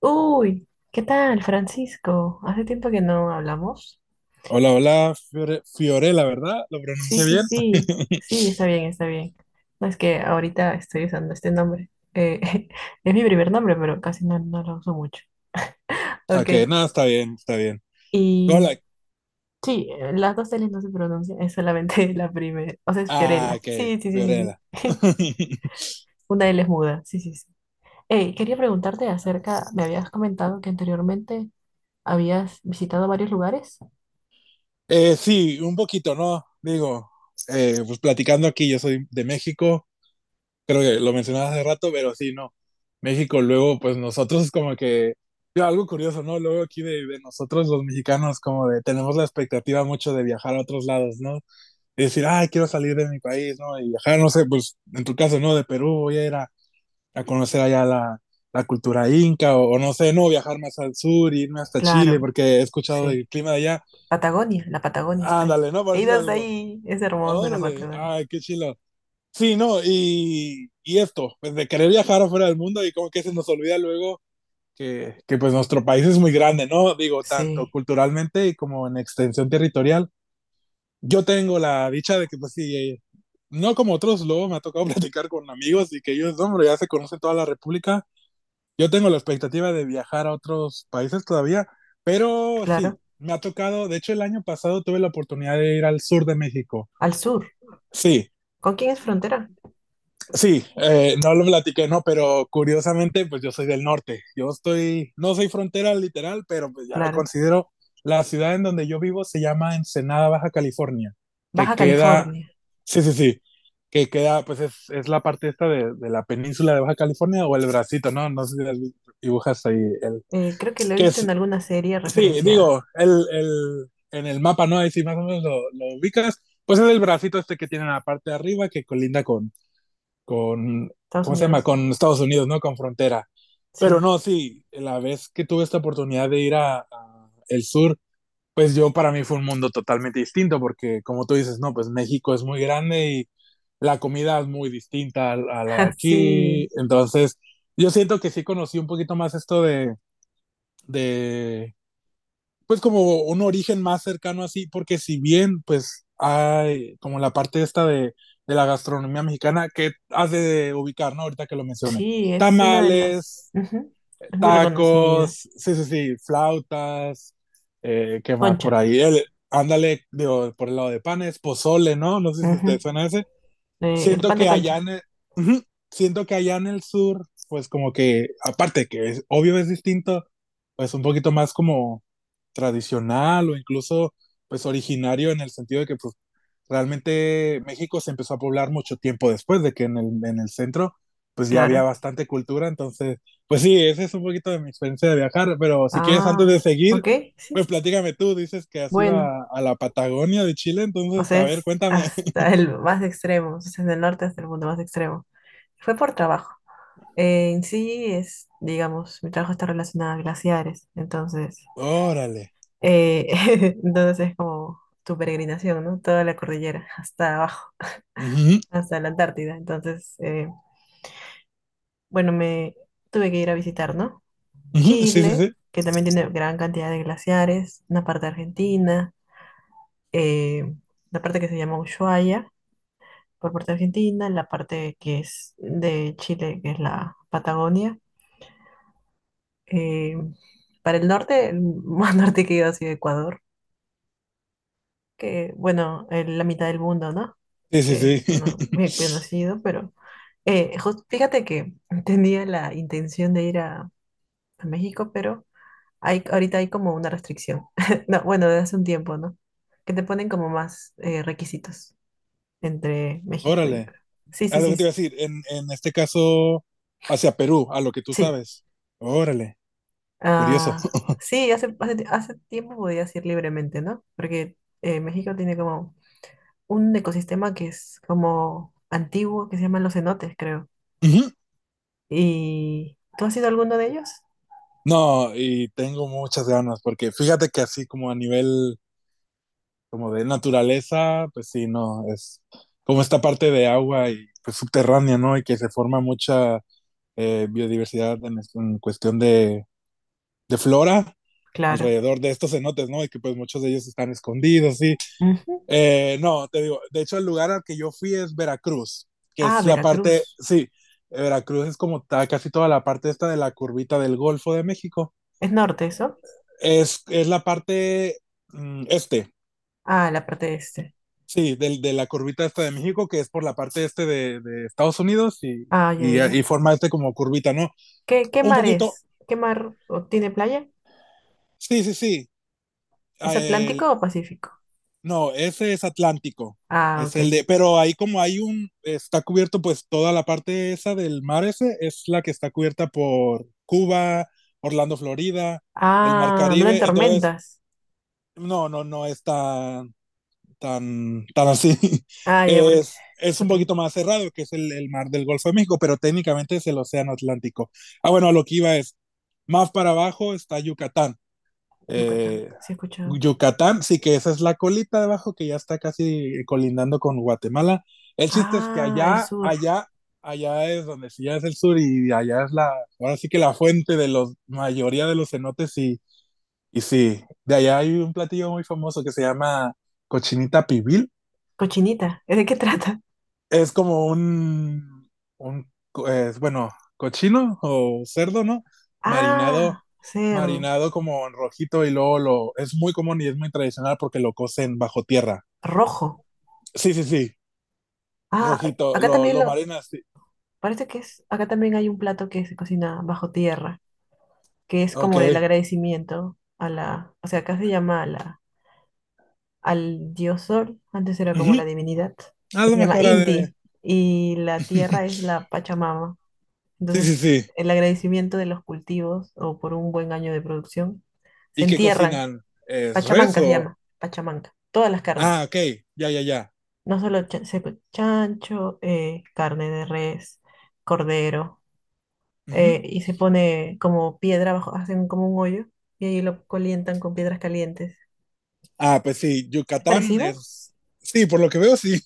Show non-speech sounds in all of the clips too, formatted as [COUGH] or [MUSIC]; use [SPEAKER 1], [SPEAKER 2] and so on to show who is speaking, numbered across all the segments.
[SPEAKER 1] Uy, ¿qué tal, Francisco? Hace tiempo que no hablamos.
[SPEAKER 2] Hola, hola, Fiorella, ¿verdad? ¿Lo
[SPEAKER 1] Sí,
[SPEAKER 2] pronuncié
[SPEAKER 1] sí,
[SPEAKER 2] bien?
[SPEAKER 1] sí,
[SPEAKER 2] [LAUGHS]
[SPEAKER 1] sí, está bien, está bien. No es que ahorita estoy usando este nombre. [LAUGHS] Es mi primer nombre, pero casi no lo uso mucho. Ok,
[SPEAKER 2] Ok, no, está bien, está bien.
[SPEAKER 1] y
[SPEAKER 2] Hola,
[SPEAKER 1] sí, las dos L's no se pronuncian, es solamente [LAUGHS] la primera. O sea, es
[SPEAKER 2] ah,
[SPEAKER 1] Fiorella.
[SPEAKER 2] ok,
[SPEAKER 1] Sí,
[SPEAKER 2] Fiorella. [LAUGHS]
[SPEAKER 1] sí. [LAUGHS] Una L es muda, sí. Hey, quería preguntarte acerca, me habías comentado que anteriormente habías visitado varios lugares.
[SPEAKER 2] Sí, un poquito, ¿no? Digo, pues platicando aquí, yo soy de México, creo que lo mencionaba hace rato, pero sí, no. México, luego, pues nosotros como que, yo, algo curioso, ¿no? Luego aquí de, nosotros los mexicanos como de, tenemos la expectativa mucho de viajar a otros lados, ¿no? Y decir, ay, quiero salir de mi país, ¿no? Y viajar, no sé, pues en tu caso, ¿no? De Perú voy a ir a conocer allá la, la cultura inca o, no sé, no, viajar más al sur, irme hasta Chile
[SPEAKER 1] Claro,
[SPEAKER 2] porque he escuchado
[SPEAKER 1] sí.
[SPEAKER 2] del clima de allá.
[SPEAKER 1] Patagonia, la Patagonia está ahí.
[SPEAKER 2] Ándale, no, por
[SPEAKER 1] He ido
[SPEAKER 2] decir
[SPEAKER 1] hasta
[SPEAKER 2] algo.
[SPEAKER 1] ahí, es hermosa la
[SPEAKER 2] Órale,
[SPEAKER 1] Patagonia.
[SPEAKER 2] ay, qué chilo. Sí, no, y esto, pues de querer viajar afuera del mundo y como que se nos olvida luego que pues nuestro país es muy grande, ¿no? Digo, tanto
[SPEAKER 1] Sí,
[SPEAKER 2] culturalmente y como en extensión territorial. Yo tengo la dicha de que pues sí, no como otros, luego me ha tocado [LAUGHS] platicar con amigos y que ellos, hombre, ya se conocen toda la República. Yo tengo la expectativa de viajar a otros países todavía, pero sí,
[SPEAKER 1] claro.
[SPEAKER 2] me ha tocado, de hecho el año pasado tuve la oportunidad de ir al sur de México.
[SPEAKER 1] Al sur.
[SPEAKER 2] Sí,
[SPEAKER 1] ¿Con quién es frontera?
[SPEAKER 2] sí, no lo platiqué, no, pero curiosamente, pues yo soy del norte. Yo estoy, no soy frontera literal, pero pues ya me
[SPEAKER 1] Claro.
[SPEAKER 2] considero, la ciudad en donde yo vivo se llama Ensenada, Baja California, que
[SPEAKER 1] Baja
[SPEAKER 2] queda,
[SPEAKER 1] California.
[SPEAKER 2] sí, sí, sí, que queda, pues es, la parte esta de, la península de Baja California o el bracito, ¿no? No sé si las dibujas ahí, el,
[SPEAKER 1] Creo que lo he
[SPEAKER 2] que
[SPEAKER 1] visto en
[SPEAKER 2] es.
[SPEAKER 1] alguna serie
[SPEAKER 2] Sí,
[SPEAKER 1] referenciada.
[SPEAKER 2] digo, el, en el mapa, ¿no? Ahí sí más o menos lo ubicas. Pues es el bracito este que tiene en la parte de arriba que colinda con, con,
[SPEAKER 1] Estados
[SPEAKER 2] ¿cómo se llama?
[SPEAKER 1] Unidos.
[SPEAKER 2] Con Estados Unidos, ¿no? Con frontera. Pero
[SPEAKER 1] Sí.
[SPEAKER 2] no, sí, la vez que tuve esta oportunidad de ir a el sur, pues yo para mí fue un mundo totalmente distinto, porque como tú dices, no, pues México es muy grande y la comida es muy distinta a la de
[SPEAKER 1] [LAUGHS]
[SPEAKER 2] aquí.
[SPEAKER 1] Sí,
[SPEAKER 2] Entonces, yo siento que sí conocí un poquito más esto de, de pues como un origen más cercano así, porque si bien pues hay como la parte esta de, la gastronomía mexicana que hace de ubicar, ¿no? Ahorita que lo mencioné.
[SPEAKER 1] sí, es una de las...
[SPEAKER 2] Tamales,
[SPEAKER 1] ujú. Es muy
[SPEAKER 2] tacos,
[SPEAKER 1] reconocida.
[SPEAKER 2] sí, sí, sí, flautas, ¿qué más por
[SPEAKER 1] Concha.
[SPEAKER 2] ahí? El, ándale, digo, por el lado de panes, pozole, ¿no? No sé si te
[SPEAKER 1] Ujú,
[SPEAKER 2] suena ese.
[SPEAKER 1] el
[SPEAKER 2] Siento
[SPEAKER 1] pan de
[SPEAKER 2] que allá
[SPEAKER 1] concha,
[SPEAKER 2] en el, uh -huh, siento que allá en el sur, pues como que, aparte que es, obvio es distinto, pues un poquito más como tradicional o incluso pues originario en el sentido de que pues, realmente México se empezó a poblar mucho tiempo después de que en el centro pues ya había
[SPEAKER 1] claro.
[SPEAKER 2] bastante cultura, entonces pues sí, ese es un poquito de mi experiencia de viajar, pero si quieres antes
[SPEAKER 1] Ah,
[SPEAKER 2] de seguir,
[SPEAKER 1] ok, sí.
[SPEAKER 2] pues platícame tú, dices que has ido
[SPEAKER 1] Bueno,
[SPEAKER 2] a la Patagonia de Chile,
[SPEAKER 1] o
[SPEAKER 2] entonces
[SPEAKER 1] sea,
[SPEAKER 2] a ver,
[SPEAKER 1] es
[SPEAKER 2] cuéntame.
[SPEAKER 1] hasta el más extremo, o sea, desde el norte hasta el mundo más extremo. Fue por trabajo. En sí es, digamos, mi trabajo está relacionado a glaciares, entonces,
[SPEAKER 2] [LAUGHS] Órale.
[SPEAKER 1] eh, [LAUGHS] entonces es como tu peregrinación, ¿no? Toda la cordillera, hasta abajo, [LAUGHS]
[SPEAKER 2] Ujú,
[SPEAKER 1] hasta la Antártida. Entonces, bueno, me tuve que ir a visitar, ¿no?
[SPEAKER 2] ujú. Sí, sí,
[SPEAKER 1] Chile,
[SPEAKER 2] sí.
[SPEAKER 1] que también tiene gran cantidad de glaciares, una parte de Argentina, eh, la parte que se llama Ushuaia, por parte de Argentina, la parte que es de Chile, que es la Patagonia. Eh, para el norte, el más [LAUGHS] norte que he ido ha sido Ecuador, que bueno, en la mitad del mundo, ¿no?
[SPEAKER 2] Sí, sí,
[SPEAKER 1] Que es
[SPEAKER 2] sí.
[SPEAKER 1] uno bien
[SPEAKER 2] [LAUGHS]
[SPEAKER 1] conocido, pero fíjate que [LAUGHS] tenía la intención de ir a México, pero ahorita hay como una restricción. [LAUGHS] No, bueno, desde hace un tiempo, ¿no? Que te ponen como más requisitos entre México y
[SPEAKER 2] Órale.
[SPEAKER 1] Perú. Sí,
[SPEAKER 2] A
[SPEAKER 1] sí,
[SPEAKER 2] lo
[SPEAKER 1] sí,
[SPEAKER 2] que te
[SPEAKER 1] sí.
[SPEAKER 2] iba a decir, en, este caso, hacia Perú, a lo que tú
[SPEAKER 1] Sí.
[SPEAKER 2] sabes. Órale. Curioso.
[SPEAKER 1] Ah, sí hace tiempo podías ir libremente, ¿no? Porque México tiene como un ecosistema que es como antiguo, que se llaman los cenotes, creo.
[SPEAKER 2] [LAUGHS] Ujú.
[SPEAKER 1] ¿Y tú has ido a alguno de ellos?
[SPEAKER 2] No, y tengo muchas ganas, porque fíjate que así como a nivel como de naturaleza, pues sí, no, es como esta parte de agua y pues subterránea, ¿no? Y que se forma mucha biodiversidad en cuestión de, flora
[SPEAKER 1] Claro.
[SPEAKER 2] alrededor de estos cenotes, ¿no? Y que pues muchos de ellos están escondidos, sí.
[SPEAKER 1] Ujú.
[SPEAKER 2] No, te digo, de hecho el lugar al que yo fui es Veracruz, que
[SPEAKER 1] Ah,
[SPEAKER 2] es la parte,
[SPEAKER 1] Veracruz.
[SPEAKER 2] sí, Veracruz es como casi toda la parte esta de la curvita del Golfo de México.
[SPEAKER 1] ¿Es norte eso?
[SPEAKER 2] Es la parte este,
[SPEAKER 1] Ah, la parte este.
[SPEAKER 2] sí, de la curvita esta de México, que es por la parte este de, Estados Unidos y,
[SPEAKER 1] Ah, ya, ya, ya.
[SPEAKER 2] forma este como curvita, ¿no?
[SPEAKER 1] ¿Qué, qué
[SPEAKER 2] Un
[SPEAKER 1] mar
[SPEAKER 2] poquito,
[SPEAKER 1] es? ¿Qué mar o tiene playa?
[SPEAKER 2] sí, sí, sí.
[SPEAKER 1] ¿Es
[SPEAKER 2] El,
[SPEAKER 1] Atlántico o Pacífico?
[SPEAKER 2] no, ese es Atlántico.
[SPEAKER 1] Ah,
[SPEAKER 2] Es el
[SPEAKER 1] ok.
[SPEAKER 2] de, pero ahí como hay un, está cubierto pues toda la parte esa del mar ese, es la que está cubierta por Cuba, Orlando, Florida, el mar
[SPEAKER 1] Ah, ¿no hay
[SPEAKER 2] Caribe, entonces,
[SPEAKER 1] tormentas?
[SPEAKER 2] no está, tan así. [LAUGHS]
[SPEAKER 1] Ah, ya, porque...
[SPEAKER 2] Es un
[SPEAKER 1] Ok,
[SPEAKER 2] poquito más cerrado, que es el, mar del Golfo de México, pero técnicamente es el Océano Atlántico. Ah, bueno, a lo que iba es, más para abajo está Yucatán.
[SPEAKER 1] Yucatán.
[SPEAKER 2] Eh,
[SPEAKER 1] Sí he escuchado.
[SPEAKER 2] Yucatán, sí, que esa es la colita de abajo que ya está casi colindando con Guatemala. El chiste es que
[SPEAKER 1] Ah, el sur.
[SPEAKER 2] allá es donde sí ya es el sur y allá es ahora sí que la fuente de la mayoría de los cenotes sí, de allá hay un platillo muy famoso que se llama cochinita pibil.
[SPEAKER 1] Cochinita. ¿De qué [LAUGHS] trata?
[SPEAKER 2] Es como bueno, cochino o cerdo, ¿no? Marinado,
[SPEAKER 1] Ah, cerdo.
[SPEAKER 2] marinado como en rojito y luego es muy común y es muy tradicional porque lo cocen bajo tierra.
[SPEAKER 1] Rojo.
[SPEAKER 2] Sí, sí, sí,
[SPEAKER 1] Ah,
[SPEAKER 2] rojito,
[SPEAKER 1] acá
[SPEAKER 2] lo, lo marinas, sí.
[SPEAKER 1] parece que es, acá también hay un plato que se cocina bajo tierra, que es
[SPEAKER 2] Ok.
[SPEAKER 1] como el agradecimiento a la, o sea, acá se llama a la, al dios sol, antes era como la
[SPEAKER 2] Ujú.
[SPEAKER 1] divinidad,
[SPEAKER 2] A
[SPEAKER 1] que
[SPEAKER 2] lo
[SPEAKER 1] se llama
[SPEAKER 2] mejor ha de.
[SPEAKER 1] Inti, y la tierra es
[SPEAKER 2] [LAUGHS]
[SPEAKER 1] la Pachamama.
[SPEAKER 2] Sí, sí,
[SPEAKER 1] Entonces,
[SPEAKER 2] sí.
[SPEAKER 1] el agradecimiento de los cultivos o por un buen año de producción, se
[SPEAKER 2] ¿Y qué
[SPEAKER 1] entierran.
[SPEAKER 2] cocinan? ¿Es res
[SPEAKER 1] Pachamanca se
[SPEAKER 2] o?
[SPEAKER 1] llama, Pachamanca, todas las carnes,
[SPEAKER 2] Ah, ok, ya, ya, ya.
[SPEAKER 1] no solo chancho, carne de res, cordero.
[SPEAKER 2] Ujú.
[SPEAKER 1] Y se pone como piedra abajo, hacen como un hoyo y ahí lo calientan con piedras calientes.
[SPEAKER 2] Ah, pues sí,
[SPEAKER 1] ¿Es
[SPEAKER 2] Yucatán
[SPEAKER 1] parecido?
[SPEAKER 2] es. Sí, por lo que veo, sí.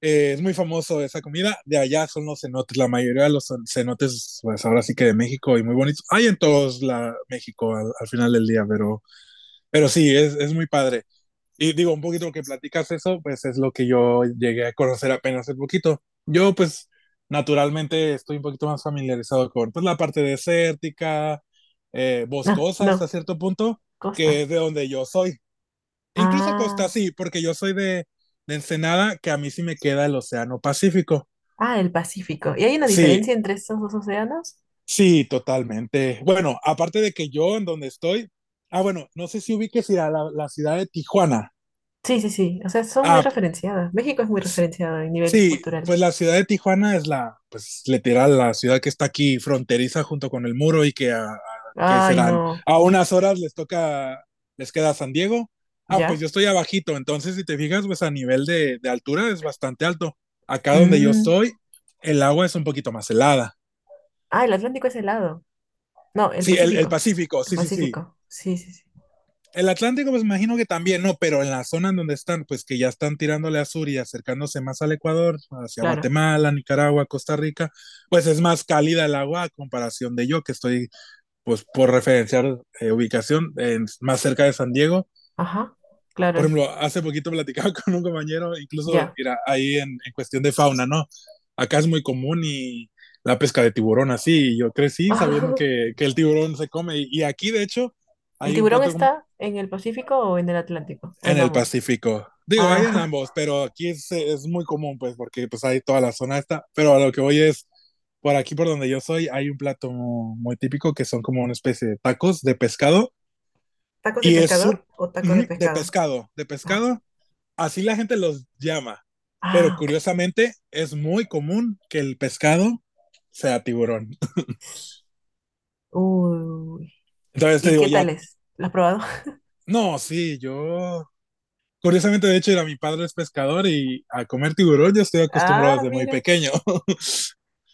[SPEAKER 2] Es muy famoso esa comida. De allá son los cenotes. La mayoría de los cenotes, pues ahora sí que de México y muy bonitos. Hay en todos la México al final del día, pero, sí, es muy padre. Y digo, un poquito lo que platicas eso, pues es lo que yo llegué a conocer apenas un poquito. Yo, pues, naturalmente estoy un poquito más familiarizado con pues, la parte desértica,
[SPEAKER 1] No,
[SPEAKER 2] boscosa hasta
[SPEAKER 1] no,
[SPEAKER 2] cierto punto, que
[SPEAKER 1] costa.
[SPEAKER 2] es de donde yo soy. E incluso costa
[SPEAKER 1] Ah,
[SPEAKER 2] sí, porque yo soy de, Ensenada, que a mí sí me queda el Océano Pacífico.
[SPEAKER 1] el Pacífico. ¿Y hay una
[SPEAKER 2] Sí,
[SPEAKER 1] diferencia entre estos dos océanos?
[SPEAKER 2] sí, totalmente. Bueno, aparte de que yo en donde estoy, ah, bueno, no sé si ubiques ir a la ciudad de Tijuana.
[SPEAKER 1] Sí, o sea, son muy
[SPEAKER 2] Ah,
[SPEAKER 1] referenciadas. México es muy
[SPEAKER 2] s-
[SPEAKER 1] referenciado en nivel
[SPEAKER 2] sí,
[SPEAKER 1] cultural.
[SPEAKER 2] pues la ciudad de Tijuana es la, pues literal, la ciudad que está aquí fronteriza junto con el muro y que, que
[SPEAKER 1] Ay,
[SPEAKER 2] serán
[SPEAKER 1] no,
[SPEAKER 2] a unas horas les toca, les queda San Diego. Ah, pues
[SPEAKER 1] ¿ya?
[SPEAKER 2] yo estoy abajito, entonces si te fijas, pues a nivel de, altura es bastante alto. Acá donde yo
[SPEAKER 1] Mm.
[SPEAKER 2] estoy, el agua es un poquito más helada.
[SPEAKER 1] Ah, el Atlántico es helado. No, el
[SPEAKER 2] Sí, el
[SPEAKER 1] Pacífico.
[SPEAKER 2] Pacífico,
[SPEAKER 1] El
[SPEAKER 2] sí, sí, sí.
[SPEAKER 1] Pacífico,
[SPEAKER 2] El Atlántico, pues imagino que también, no, pero en la zona en donde están, pues que ya están tirándole a sur y acercándose más al Ecuador, hacia
[SPEAKER 1] claro.
[SPEAKER 2] Guatemala, Nicaragua, Costa Rica, pues es más cálida el agua a comparación de yo, que estoy, pues por referenciar ubicación, más cerca de San Diego.
[SPEAKER 1] Ajá, claro,
[SPEAKER 2] Por
[SPEAKER 1] es,
[SPEAKER 2] ejemplo, hace poquito platicaba [LAUGHS] con un compañero, incluso
[SPEAKER 1] ya.
[SPEAKER 2] era ahí en, cuestión de fauna, ¿no? Acá es muy común y la pesca de tiburón así, y yo crecí sabiendo
[SPEAKER 1] [LAUGHS]
[SPEAKER 2] que el tiburón se come, aquí de hecho
[SPEAKER 1] ¿El
[SPEAKER 2] hay un
[SPEAKER 1] tiburón
[SPEAKER 2] plato
[SPEAKER 1] está en el Pacífico o en el Atlántico? ¿O
[SPEAKER 2] en
[SPEAKER 1] en
[SPEAKER 2] el
[SPEAKER 1] ambos?
[SPEAKER 2] Pacífico. Digo, hay en
[SPEAKER 1] Ah.
[SPEAKER 2] ambos, pero aquí es, muy común, pues, porque pues hay toda la zona esta. Pero a lo que voy es, por aquí por donde yo soy, hay un plato muy típico que son como una especie de tacos de pescado.
[SPEAKER 1] [LAUGHS] ¿Tacos de
[SPEAKER 2] Y es su...
[SPEAKER 1] pescador o tacos de
[SPEAKER 2] Ujú. De
[SPEAKER 1] pescado?
[SPEAKER 2] pescado, de
[SPEAKER 1] Ah,
[SPEAKER 2] pescado. Así la gente los llama. Pero
[SPEAKER 1] ah, ok.
[SPEAKER 2] curiosamente, es muy común que el pescado sea tiburón. [LAUGHS]
[SPEAKER 1] Uy,
[SPEAKER 2] Entonces te
[SPEAKER 1] ¿y
[SPEAKER 2] digo,
[SPEAKER 1] qué
[SPEAKER 2] ya.
[SPEAKER 1] tal es? ¿Lo has probado? [LAUGHS]
[SPEAKER 2] No, sí, yo curiosamente, de hecho, era mi padre es pescador y a comer tiburón yo estoy acostumbrado
[SPEAKER 1] Ah,
[SPEAKER 2] desde muy
[SPEAKER 1] mira,
[SPEAKER 2] pequeño. [LAUGHS]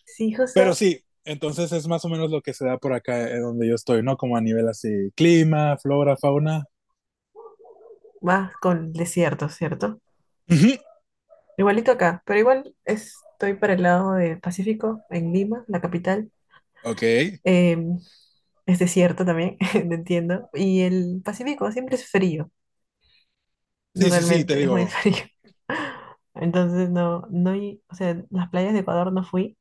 [SPEAKER 1] sí,
[SPEAKER 2] Pero
[SPEAKER 1] justo
[SPEAKER 2] sí, entonces es más o menos lo que se da por acá donde yo estoy, ¿no? Como a nivel así, clima, flora, fauna.
[SPEAKER 1] más con desierto, ¿cierto?
[SPEAKER 2] Ujú.
[SPEAKER 1] Igualito acá, pero igual estoy para el lado del Pacífico, en Lima, la capital.
[SPEAKER 2] Ok.
[SPEAKER 1] Em, es desierto también, [LAUGHS] no entiendo. Y el Pacífico siempre es frío. No,
[SPEAKER 2] Sí, sí, sí, te
[SPEAKER 1] realmente, es muy
[SPEAKER 2] digo,
[SPEAKER 1] frío. [LAUGHS] Entonces, no, no, hay- o sea, las playas de Ecuador no fui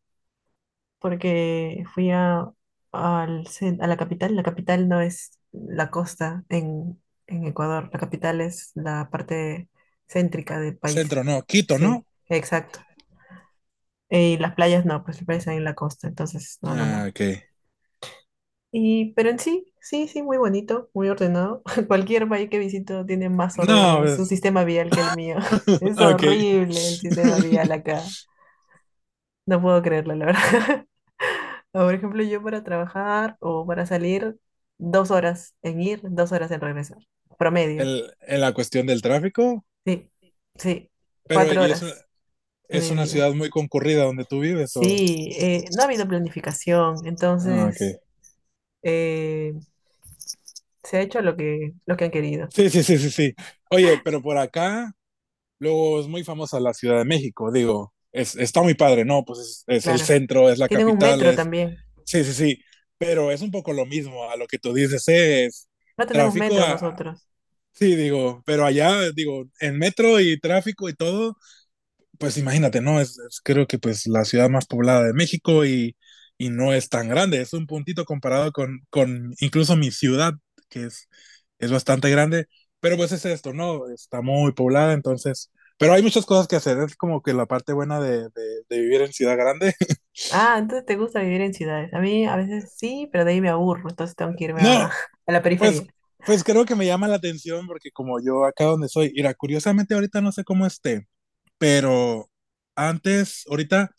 [SPEAKER 1] porque fui al a la capital. La capital no es la costa en Ecuador, la capital es la parte céntrica del país.
[SPEAKER 2] centro, no, Quito,
[SPEAKER 1] Sí,
[SPEAKER 2] ¿no?
[SPEAKER 1] exacto. Y las playas no, pues las playas están en la costa, entonces, no, no,
[SPEAKER 2] Ah,
[SPEAKER 1] no.
[SPEAKER 2] ok.
[SPEAKER 1] Y, pero en sí, muy bonito, muy ordenado. [LAUGHS] Cualquier país que visito tiene más orden
[SPEAKER 2] No,
[SPEAKER 1] en su
[SPEAKER 2] pues,
[SPEAKER 1] sistema vial que el mío. [LAUGHS]
[SPEAKER 2] [LAUGHS]
[SPEAKER 1] Es
[SPEAKER 2] ok. [LAUGHS]
[SPEAKER 1] horrible el sistema vial acá. No puedo creerlo, la verdad. [LAUGHS] Por ejemplo, yo para trabajar o para salir, 2 horas en ir, 2 horas en regresar. Promedio.
[SPEAKER 2] En la cuestión del tráfico,
[SPEAKER 1] Sí, sí,
[SPEAKER 2] pero
[SPEAKER 1] cuatro
[SPEAKER 2] y
[SPEAKER 1] horas en
[SPEAKER 2] es
[SPEAKER 1] mi
[SPEAKER 2] una
[SPEAKER 1] vida.
[SPEAKER 2] ciudad muy concurrida donde tú vives, o.
[SPEAKER 1] Sí, no ha habido planificación,
[SPEAKER 2] Ah, ok.
[SPEAKER 1] entonces eh, se ha hecho lo que han querido.
[SPEAKER 2] Sí, sí, sí, sí, sí. Oye, pero por acá, luego es muy famosa la Ciudad de México, digo, está muy padre, ¿no? Pues es, el
[SPEAKER 1] Claro.
[SPEAKER 2] centro, es la
[SPEAKER 1] Tienen un
[SPEAKER 2] capital,
[SPEAKER 1] metro
[SPEAKER 2] es.
[SPEAKER 1] también.
[SPEAKER 2] Sí, sí, sí, pero es un poco lo mismo a lo que tú dices, es
[SPEAKER 1] No tenemos
[SPEAKER 2] tráfico,
[SPEAKER 1] metro nosotros.
[SPEAKER 2] sí, digo, pero allá, digo, en metro y tráfico y todo, pues imagínate, ¿no? Creo que pues la ciudad más poblada de México no es tan grande, es un puntito comparado con, incluso mi ciudad, que es bastante grande, pero pues es esto, ¿no? Está muy poblada, entonces. Pero hay muchas cosas que hacer, es como que la parte buena de, vivir en ciudad grande.
[SPEAKER 1] Ah, entonces te gusta vivir en ciudades. A mí a veces sí, pero de ahí me aburro, entonces tengo que
[SPEAKER 2] [LAUGHS]
[SPEAKER 1] irme a, [LAUGHS]
[SPEAKER 2] No,
[SPEAKER 1] a la
[SPEAKER 2] pues
[SPEAKER 1] periferia.
[SPEAKER 2] creo que me llama la atención porque como yo acá donde soy, mira, curiosamente ahorita no sé cómo esté, pero antes, ahorita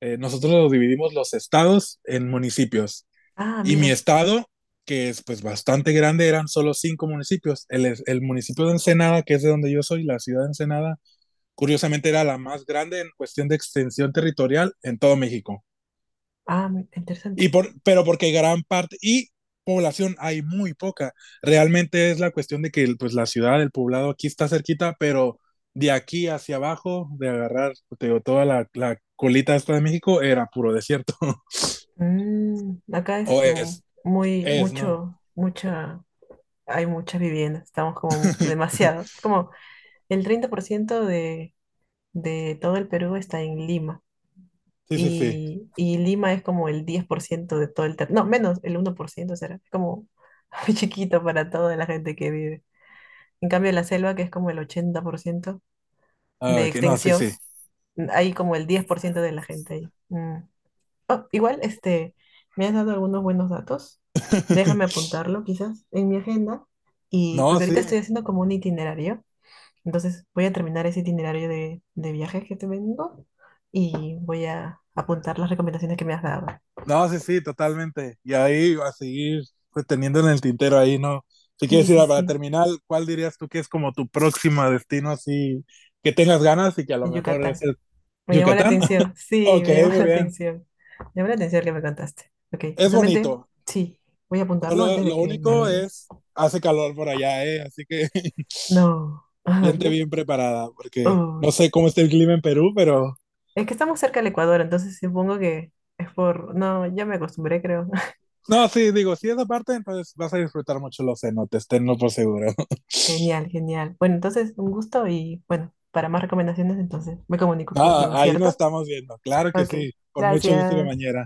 [SPEAKER 2] nosotros lo dividimos los estados en municipios.
[SPEAKER 1] Ah,
[SPEAKER 2] Y mi
[SPEAKER 1] mira.
[SPEAKER 2] estado, que es pues bastante grande, eran solo cinco municipios. El municipio de Ensenada, que es de donde yo soy, la ciudad de Ensenada, curiosamente era la más grande en cuestión de extensión territorial en todo México.
[SPEAKER 1] Ah, mi-
[SPEAKER 2] Y
[SPEAKER 1] interesante.
[SPEAKER 2] pero porque gran parte, y población hay muy poca. Realmente es la cuestión de que pues la ciudad, el poblado aquí está cerquita, pero de aquí hacia abajo, de agarrar te digo, toda la colita esta de México, era puro desierto. [LAUGHS]
[SPEAKER 1] Mm, acá
[SPEAKER 2] O
[SPEAKER 1] es muy,
[SPEAKER 2] es, ¿no?
[SPEAKER 1] mucha, hay muchas viviendas. Estamos como mu-
[SPEAKER 2] [LAUGHS]
[SPEAKER 1] demasiado. Es como el 30% de todo el Perú está en Lima.
[SPEAKER 2] Sí, sí, sí.
[SPEAKER 1] Y y Lima es como el 10% de todo el territorio, no, menos el 1% será, es como [LAUGHS] muy chiquito para toda la gente que vive. En cambio, la selva, que es como el 80%
[SPEAKER 2] Ah,
[SPEAKER 1] de
[SPEAKER 2] ok, no, sí, sí.
[SPEAKER 1] extensión, hay como el 10% de la gente ahí. Mm. Oh, igual, este, me has dado algunos buenos datos. Déjame
[SPEAKER 2] [LAUGHS]
[SPEAKER 1] apuntarlo quizás en mi agenda, y
[SPEAKER 2] No,
[SPEAKER 1] porque
[SPEAKER 2] sí,
[SPEAKER 1] ahorita estoy haciendo como un itinerario, entonces voy a terminar ese itinerario de viajes que te vengo y voy a apuntar las recomendaciones que me has dado.
[SPEAKER 2] no, sí, sí, totalmente. Y ahí a seguir pues, teniendo en el tintero ahí, ¿no? Si
[SPEAKER 1] Sí,
[SPEAKER 2] quieres ir
[SPEAKER 1] sí,
[SPEAKER 2] para
[SPEAKER 1] sí,
[SPEAKER 2] terminar, ¿cuál dirías tú que es como tu próximo destino así que tengas ganas y que a lo
[SPEAKER 1] en
[SPEAKER 2] mejor es
[SPEAKER 1] Yucatán.
[SPEAKER 2] el
[SPEAKER 1] Me llamó la
[SPEAKER 2] Yucatán? [LAUGHS]
[SPEAKER 1] atención, sí,
[SPEAKER 2] Ok,
[SPEAKER 1] me llamó [LAUGHS]
[SPEAKER 2] muy
[SPEAKER 1] la
[SPEAKER 2] bien.
[SPEAKER 1] atención. Me llamó la atención que me contaste. Ok,
[SPEAKER 2] Es
[SPEAKER 1] justamente,
[SPEAKER 2] bonito.
[SPEAKER 1] sí, voy a apuntarlo
[SPEAKER 2] Solo
[SPEAKER 1] antes de
[SPEAKER 2] lo
[SPEAKER 1] que me
[SPEAKER 2] único
[SPEAKER 1] olvide.
[SPEAKER 2] es hace calor por allá, ¿eh? Así que [LAUGHS]
[SPEAKER 1] No, [LAUGHS] ah,
[SPEAKER 2] viente
[SPEAKER 1] ya-
[SPEAKER 2] bien preparada porque no
[SPEAKER 1] uy.
[SPEAKER 2] sé cómo está el clima en Perú, pero
[SPEAKER 1] Es que estamos cerca del Ecuador, entonces supongo que es por... No, ya me acostumbré, creo. [LAUGHS]
[SPEAKER 2] no, sí, digo, si esa parte, entonces vas a disfrutar mucho los cenotes, tenlo por seguro.
[SPEAKER 1] Genial, genial. Bueno, entonces, un gusto y bueno, para más recomendaciones, entonces me comunico
[SPEAKER 2] No,
[SPEAKER 1] contigo,
[SPEAKER 2] ahí nos
[SPEAKER 1] ¿cierto?
[SPEAKER 2] estamos viendo. Claro que
[SPEAKER 1] Ok,
[SPEAKER 2] sí. Con mucho gusto,
[SPEAKER 1] gracias.
[SPEAKER 2] compañera.